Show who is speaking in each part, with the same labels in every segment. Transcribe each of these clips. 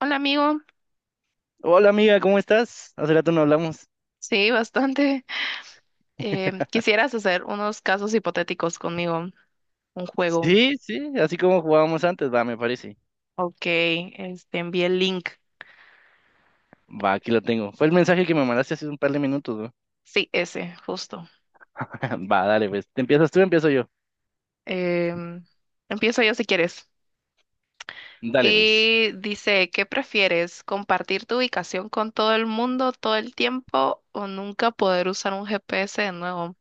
Speaker 1: Hola amigo,
Speaker 2: Hola amiga, ¿cómo estás? Hace rato no hablamos.
Speaker 1: sí, bastante. ¿Quisieras hacer unos casos hipotéticos conmigo? Un juego.
Speaker 2: Sí, sí, así como jugábamos antes, va, me parece.
Speaker 1: Ok, este, envié el link.
Speaker 2: Va, aquí lo tengo. Fue el mensaje que me mandaste hace un par de minutos, ¿no?
Speaker 1: Sí, ese, justo.
Speaker 2: Va, dale, pues. ¿Te empiezas tú, o empiezo yo?
Speaker 1: Em, Empiezo yo si quieres.
Speaker 2: Dale, pues.
Speaker 1: Y dice, ¿qué prefieres? ¿Compartir tu ubicación con todo el mundo todo el tiempo o nunca poder usar un GPS de nuevo?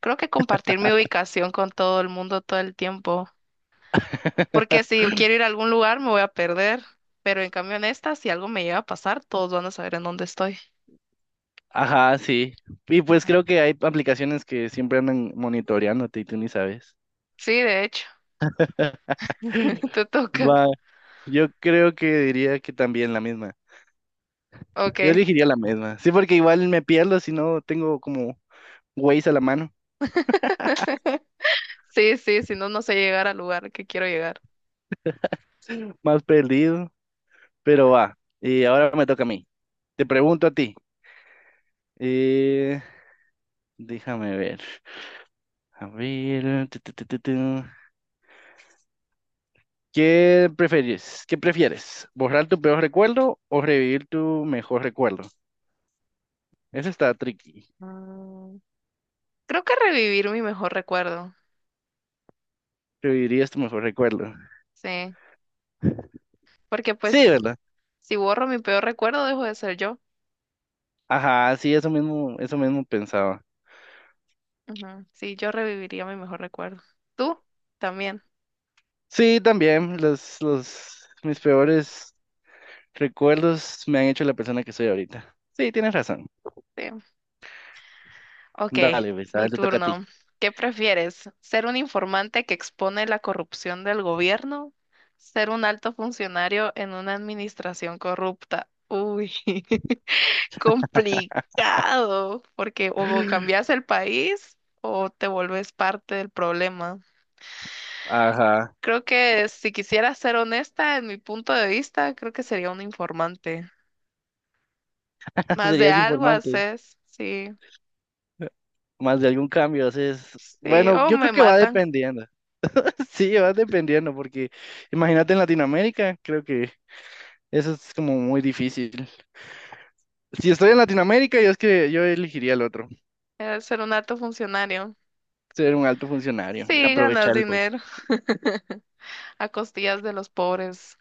Speaker 1: Creo que compartir mi ubicación con todo el mundo todo el tiempo. Porque si yo quiero ir a algún lugar me voy a perder, pero en cambio en esta, si algo me llega a pasar, todos van a saber en dónde estoy.
Speaker 2: Ajá, sí. Y pues creo que hay aplicaciones que siempre andan monitoreándote y tú ni sabes.
Speaker 1: Sí, de hecho, te toca.
Speaker 2: Va, yo creo que diría que también la misma. Yo
Speaker 1: Ok,
Speaker 2: elegiría la misma. Sí, porque igual me pierdo si no tengo como Waze a la mano,
Speaker 1: sí, sí, si no, no sé llegar al lugar que quiero llegar.
Speaker 2: más perdido. Pero va, y ahora me toca a mí. Te pregunto a ti. eh, Déjame ver. A ver. Tu. ¿Qué prefieres? ¿Borrar tu peor recuerdo o revivir tu mejor recuerdo? Eso está tricky.
Speaker 1: Mm, Creo que revivir mi mejor recuerdo,
Speaker 2: ¿Revivirías tu mejor recuerdo?
Speaker 1: sí, porque
Speaker 2: Sí,
Speaker 1: pues
Speaker 2: ¿verdad?
Speaker 1: si borro mi peor recuerdo, dejo de ser yo.
Speaker 2: Ajá, sí, eso mismo pensaba.
Speaker 1: Ujú, sí, yo reviviría mi mejor recuerdo. ¿Tú? También.
Speaker 2: Sí, también mis peores recuerdos me han hecho la persona que soy ahorita. Sí, tienes razón.
Speaker 1: Sí. Ok,
Speaker 2: Dale, pues, a
Speaker 1: mi
Speaker 2: ver, te toca a ti.
Speaker 1: turno. ¿Qué prefieres? ¿Ser un informante que expone la corrupción del gobierno? ¿Ser un alto funcionario en una administración corrupta? Uy, complicado, porque o cambias el país o te vuelves parte del problema.
Speaker 2: Ajá.
Speaker 1: Creo que si quisiera ser honesta, en mi punto de vista, creo que sería un informante. Más de
Speaker 2: Serías
Speaker 1: algo
Speaker 2: informante,
Speaker 1: haces, sí,
Speaker 2: más de algún cambio. Haces.
Speaker 1: sí,
Speaker 2: Bueno,
Speaker 1: o
Speaker 2: yo creo
Speaker 1: me
Speaker 2: que va
Speaker 1: matan,
Speaker 2: dependiendo. Sí, va dependiendo, porque imagínate en Latinoamérica, creo que eso es como muy difícil. Si estoy en Latinoamérica, yo es que yo elegiría el otro,
Speaker 1: ser un alto funcionario.
Speaker 2: ser un alto funcionario,
Speaker 1: Sí, ganas
Speaker 2: aprovechar el voto.
Speaker 1: dinero a costillas de los pobres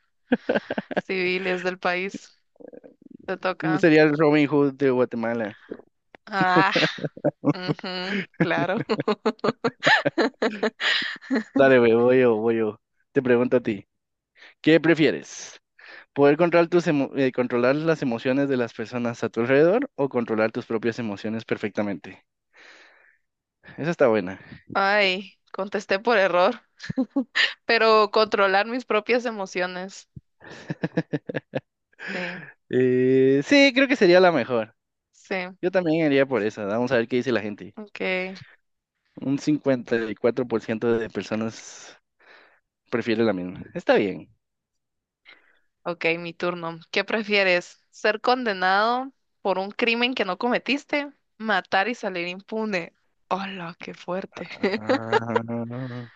Speaker 1: civiles del país. Te toca.
Speaker 2: Sería el Robin Hood de Guatemala.
Speaker 1: Ah, ujú, claro.
Speaker 2: Dale, güey, voy yo, voy yo. Te pregunto a ti, ¿qué prefieres? ¿Poder controlar tus controlar las emociones de las personas a tu alrededor o controlar tus propias emociones perfectamente? Esa está buena.
Speaker 1: Ay, contesté por error, pero controlar mis propias emociones. Sí,
Speaker 2: Sí, creo que sería la mejor.
Speaker 1: sí.
Speaker 2: Yo también iría por esa. Vamos a ver qué dice la gente.
Speaker 1: Ok,
Speaker 2: Un 54% de personas prefiere la misma. Está bien.
Speaker 1: ok, mi turno. ¿Qué prefieres? ¿Ser condenado por un crimen que no cometiste? ¿Matar y salir impune? Hola, qué fuerte.
Speaker 2: Ah,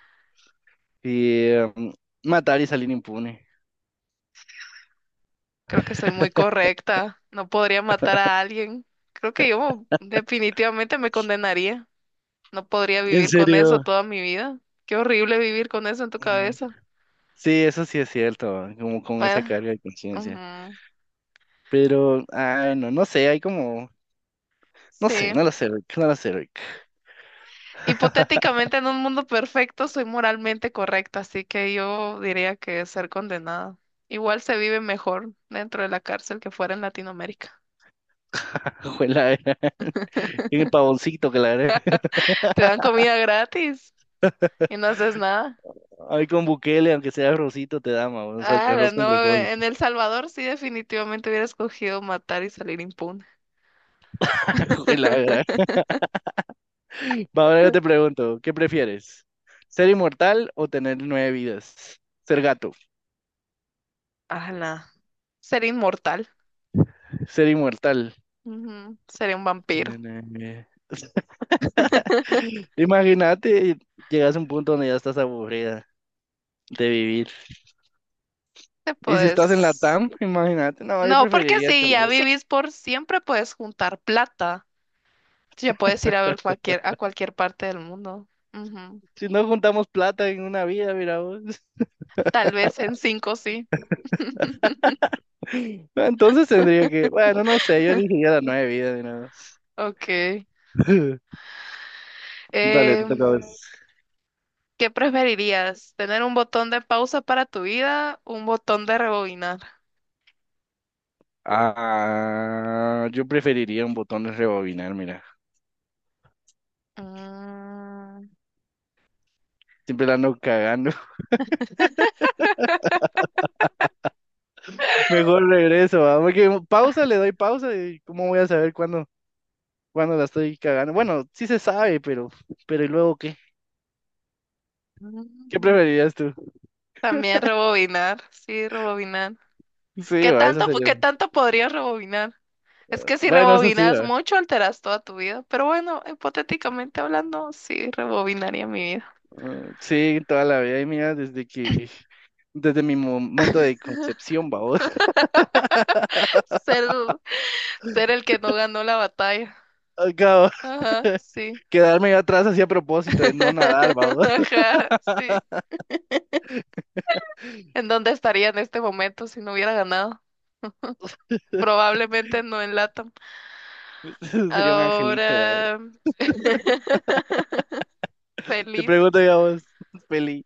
Speaker 2: y matar y salir impune.
Speaker 1: Creo que estoy muy correcta. No podría matar a alguien. Creo que yo definitivamente me condenaría. No podría
Speaker 2: ¿En
Speaker 1: vivir con eso
Speaker 2: serio?
Speaker 1: toda mi vida. Qué horrible vivir con eso en tu
Speaker 2: Mm,
Speaker 1: cabeza.
Speaker 2: sí, eso sí es cierto, como con esa
Speaker 1: Bueno,
Speaker 2: carga de conciencia.
Speaker 1: ujú,
Speaker 2: Pero, ah, no, no sé, hay como, no sé,
Speaker 1: sí.
Speaker 2: no lo sé, Rick, no lo sé, Rick.
Speaker 1: Hipotéticamente, en un mundo perfecto, soy moralmente correcta, así que yo diría que ser condenada. Igual se vive mejor dentro de la cárcel que fuera en Latinoamérica.
Speaker 2: Ojalá, era un pavoncito, claro.
Speaker 1: Te dan comida gratis y no haces nada.
Speaker 2: Ay, con Bukele, aunque sea arrocito, te da, ma, o sea,
Speaker 1: Ah,
Speaker 2: arroz con
Speaker 1: no,
Speaker 2: frijol.
Speaker 1: en El Salvador sí definitivamente hubiera escogido matar y salir impune.
Speaker 2: Jue, la verdad. Va, ahora yo te pregunto, ¿qué prefieres? ¿Ser inmortal o tener nueve vidas? Ser gato,
Speaker 1: Ala. Ser inmortal.
Speaker 2: ser inmortal.
Speaker 1: Ujú, sería un vampiro.
Speaker 2: Tener nueve vidas. Imagínate, llegas a un punto donde ya estás aburrida de vivir.
Speaker 1: Te
Speaker 2: Y si estás en la
Speaker 1: puedes...
Speaker 2: TAM, imagínate, no, yo
Speaker 1: No, porque
Speaker 2: preferiría
Speaker 1: si ya
Speaker 2: tener. Sí.
Speaker 1: vivís por siempre, puedes juntar plata. Ya puedes ir a ver cualquier, a cualquier parte del mundo. Ujú.
Speaker 2: Si no juntamos plata en una vida, mira vos.
Speaker 1: Tal vez en cinco sí.
Speaker 2: Entonces tendría que, bueno, no sé, yo elegiría las nueve vidas, mira vos.
Speaker 1: Ok.
Speaker 2: Dale, te
Speaker 1: Eh,
Speaker 2: toca.
Speaker 1: ¿Qué preferirías? ¿Tener un botón de pausa para tu vida? ¿Un botón de rebobinar?
Speaker 2: Ah, yo preferiría un botón de rebobinar, mira.
Speaker 1: Mm.
Speaker 2: Siempre la ando cagando. Mejor regreso, ¿va? Porque pausa, le doy pausa y ¿cómo voy a saber cuándo la estoy cagando? Bueno, sí se sabe, pero ¿y luego qué? ¿Qué
Speaker 1: mm,
Speaker 2: preferirías tú?
Speaker 1: También rebobinar, sí, rebobinar.
Speaker 2: Sí, va, eso sería.
Speaker 1: Qué tanto podrías rebobinar? Es que si
Speaker 2: Bueno, eso sí,
Speaker 1: rebobinas
Speaker 2: va.
Speaker 1: mucho, alteras toda tu vida. Pero bueno, hipotéticamente hablando, sí, rebobinaría mi vida.
Speaker 2: Ah, sí, toda la vida, y mira, desde mi momento de concepción, va, vos.
Speaker 1: Ser, ser el que no ganó la batalla.
Speaker 2: Acabo.
Speaker 1: Ajá, sí.
Speaker 2: Quedarme atrás así a propósito de no nadar, va. vos.
Speaker 1: Ajá, sí. ¿En dónde estaría en este momento si no hubiera ganado? Probablemente no en LATAM.
Speaker 2: Sería un angelito, va, vos.
Speaker 1: Ahora,
Speaker 2: Te
Speaker 1: feliz.
Speaker 2: pregunto, ya vos, feliz.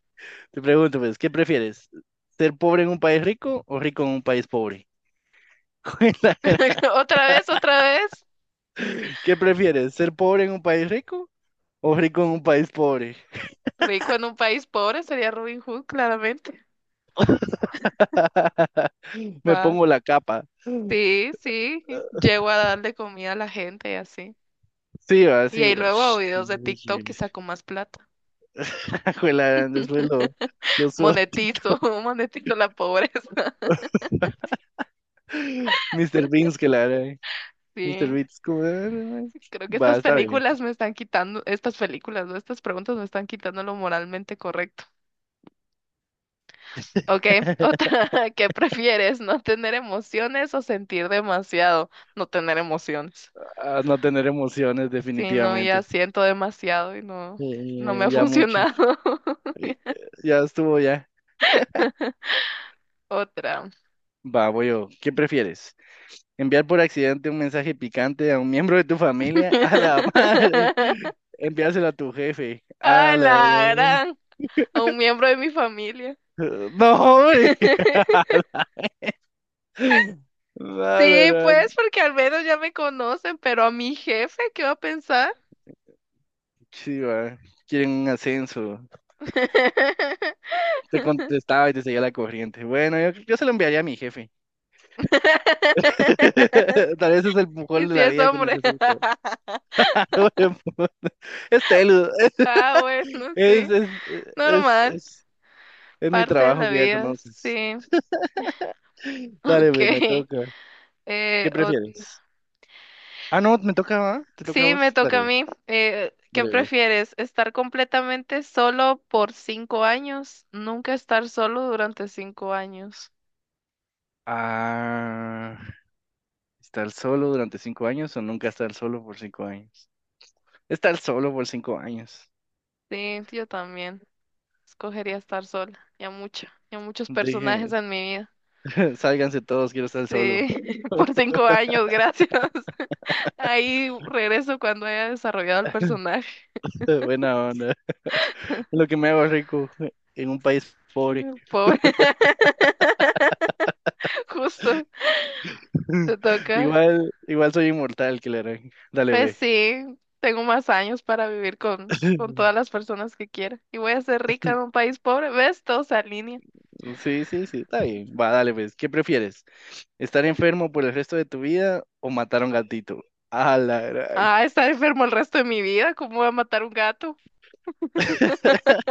Speaker 2: Te pregunto, pues, ¿qué prefieres? ¿Ser pobre en un país rico o rico en un país pobre? ¿Cuál es la-
Speaker 1: Otra vez, otra vez.
Speaker 2: ¿Qué prefieres? ¿Ser pobre en un país rico o rico en un país pobre?
Speaker 1: Rico en un país pobre sería Robin Hood, claramente.
Speaker 2: Me
Speaker 1: Va.
Speaker 2: pongo la capa.
Speaker 1: Sí, sí. Llego a darle comida a la gente y así.
Speaker 2: Sí, va,
Speaker 1: Y
Speaker 2: sí,
Speaker 1: ahí
Speaker 2: va.
Speaker 1: luego a
Speaker 2: Sh-
Speaker 1: videos de TikTok y
Speaker 2: uy.
Speaker 1: saco más plata.
Speaker 2: Juela, después lo subo a
Speaker 1: Monetizo,
Speaker 2: TikTok.
Speaker 1: monetizo la pobreza.
Speaker 2: Mr. Beans, que la haré. Mr.
Speaker 1: Sí.
Speaker 2: Beans, como, "Ah, no, güey".
Speaker 1: Creo que
Speaker 2: Va,
Speaker 1: estas
Speaker 2: está bien.
Speaker 1: películas me están quitando, estas películas, ¿no? Estas preguntas me están quitando lo moralmente correcto. Ok, otra, ¿qué prefieres? ¿No tener emociones o sentir demasiado? No tener emociones.
Speaker 2: A no tener emociones,
Speaker 1: Sí, no, ya
Speaker 2: definitivamente.
Speaker 1: siento demasiado y no, no me ha
Speaker 2: Ya mucho.
Speaker 1: funcionado.
Speaker 2: Ya estuvo, ya.
Speaker 1: Otra.
Speaker 2: Va, voy yo. ¿Qué prefieres? ¿Enviar por accidente un mensaje picante a un miembro de tu familia? A la madre. Enviárselo a tu jefe. A
Speaker 1: Ay,
Speaker 2: la
Speaker 1: la gran. A un miembro de mi familia.
Speaker 2: gran- No, hombre. A la
Speaker 1: Sí,
Speaker 2: gran-
Speaker 1: pues, porque al menos ya me conocen, pero a mi jefe, ¿qué va a pensar?
Speaker 2: Sí, va. Quieren un ascenso. Te contestaba y te seguía la corriente. Bueno, yo se lo enviaría a mi jefe. Tal vez es el
Speaker 1: Y
Speaker 2: mejor de
Speaker 1: si
Speaker 2: la
Speaker 1: es
Speaker 2: vida que
Speaker 1: hombre.
Speaker 2: necesito. Es Telu.
Speaker 1: Ah, bueno,
Speaker 2: Es,
Speaker 1: sí.
Speaker 2: es, es,
Speaker 1: Normal.
Speaker 2: es, es mi
Speaker 1: Parte de
Speaker 2: trabajo
Speaker 1: la
Speaker 2: que ya
Speaker 1: vida,
Speaker 2: conoces.
Speaker 1: sí.
Speaker 2: Dale,
Speaker 1: Ok.
Speaker 2: güey, me toca.
Speaker 1: Eh,
Speaker 2: ¿Qué prefieres? Ah, no, me toca, ¿va? ¿Te toca a
Speaker 1: sí, me
Speaker 2: vos? Dale,
Speaker 1: toca a
Speaker 2: güey,
Speaker 1: mí. ¿Qué
Speaker 2: dale, güey.
Speaker 1: prefieres? ¿Estar completamente solo por cinco años? Nunca estar solo durante cinco años.
Speaker 2: Ah, ¿estar solo durante 5 años o nunca estar solo por 5 años? Estar solo por cinco años.
Speaker 1: Sí, yo también. Escogería estar sola. Ya mucho, ya muchos
Speaker 2: Deje,
Speaker 1: personajes en mi vida.
Speaker 2: sálganse todos, quiero estar solo.
Speaker 1: Sí, por cinco años, gracias. Ahí regreso cuando haya desarrollado el personaje.
Speaker 2: Buena onda. Lo que me hago rico en un país pobre.
Speaker 1: Pobre, justo, te toca.
Speaker 2: Igual, igual soy inmortal, que le harán. Dale,
Speaker 1: Pues
Speaker 2: ve.
Speaker 1: sí, tengo más años para vivir con todas las personas que quiera. Y voy a ser rica en un país pobre. ¿Ves? Todo se alinea.
Speaker 2: Sí, sí, sí, está bien. Va, dale, pues. ¿Qué prefieres? ¿Estar enfermo por el resto de tu vida o matar a un gatito? A la gran.
Speaker 1: Ah, estar enfermo el resto de mi vida. ¿Cómo voy a matar un gato?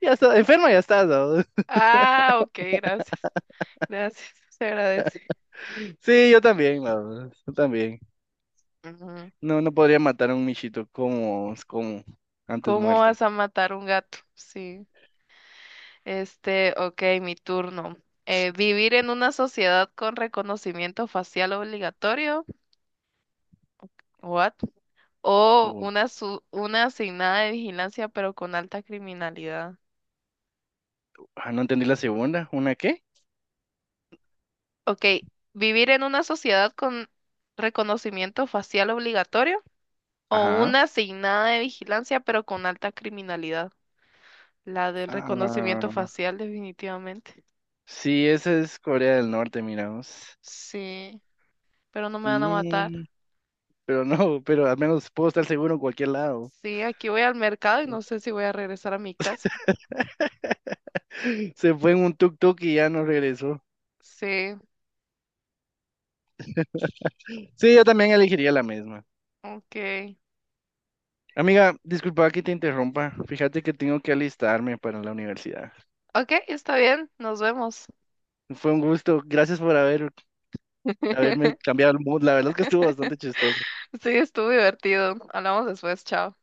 Speaker 2: Ya está, enfermo ya estás, ¿no?
Speaker 1: Ah, ok, gracias. Gracias, se agradece.
Speaker 2: Sí, yo también, ¿no? Yo también.
Speaker 1: Ujú.
Speaker 2: No, no podría matar a un michito como antes
Speaker 1: ¿Cómo
Speaker 2: muerto.
Speaker 1: vas a matar un gato? Sí. Este, ok, mi turno. ¿Vivir en una sociedad con reconocimiento facial obligatorio? What? O
Speaker 2: Uh,
Speaker 1: una, su- una asignada de vigilancia, pero con alta criminalidad.
Speaker 2: ah, no entendí la segunda. ¿Una qué?
Speaker 1: Ok, vivir en una sociedad con reconocimiento facial obligatorio o
Speaker 2: Ajá.
Speaker 1: una asignada de vigilancia, pero con alta criminalidad. La del reconocimiento
Speaker 2: Ah,
Speaker 1: facial, definitivamente.
Speaker 2: sí, esa es Corea del Norte, miramos.
Speaker 1: Sí, pero no me van a matar.
Speaker 2: Mm, pero no, pero al menos puedo estar seguro en cualquier lado.
Speaker 1: Sí, aquí voy al mercado y no sé si voy a regresar a mi casa.
Speaker 2: Se fue en un tuk-tuk y ya no regresó.
Speaker 1: Sí,
Speaker 2: Sí, yo también elegiría la misma.
Speaker 1: ok.
Speaker 2: Amiga, disculpa que te interrumpa. Fíjate que tengo que alistarme para la universidad.
Speaker 1: Ok, está bien, nos vemos.
Speaker 2: Fue un gusto. Gracias por haberme cambiado el mood. La verdad es que estuvo bastante chistoso.
Speaker 1: Sí, estuvo divertido. Hablamos después, chao.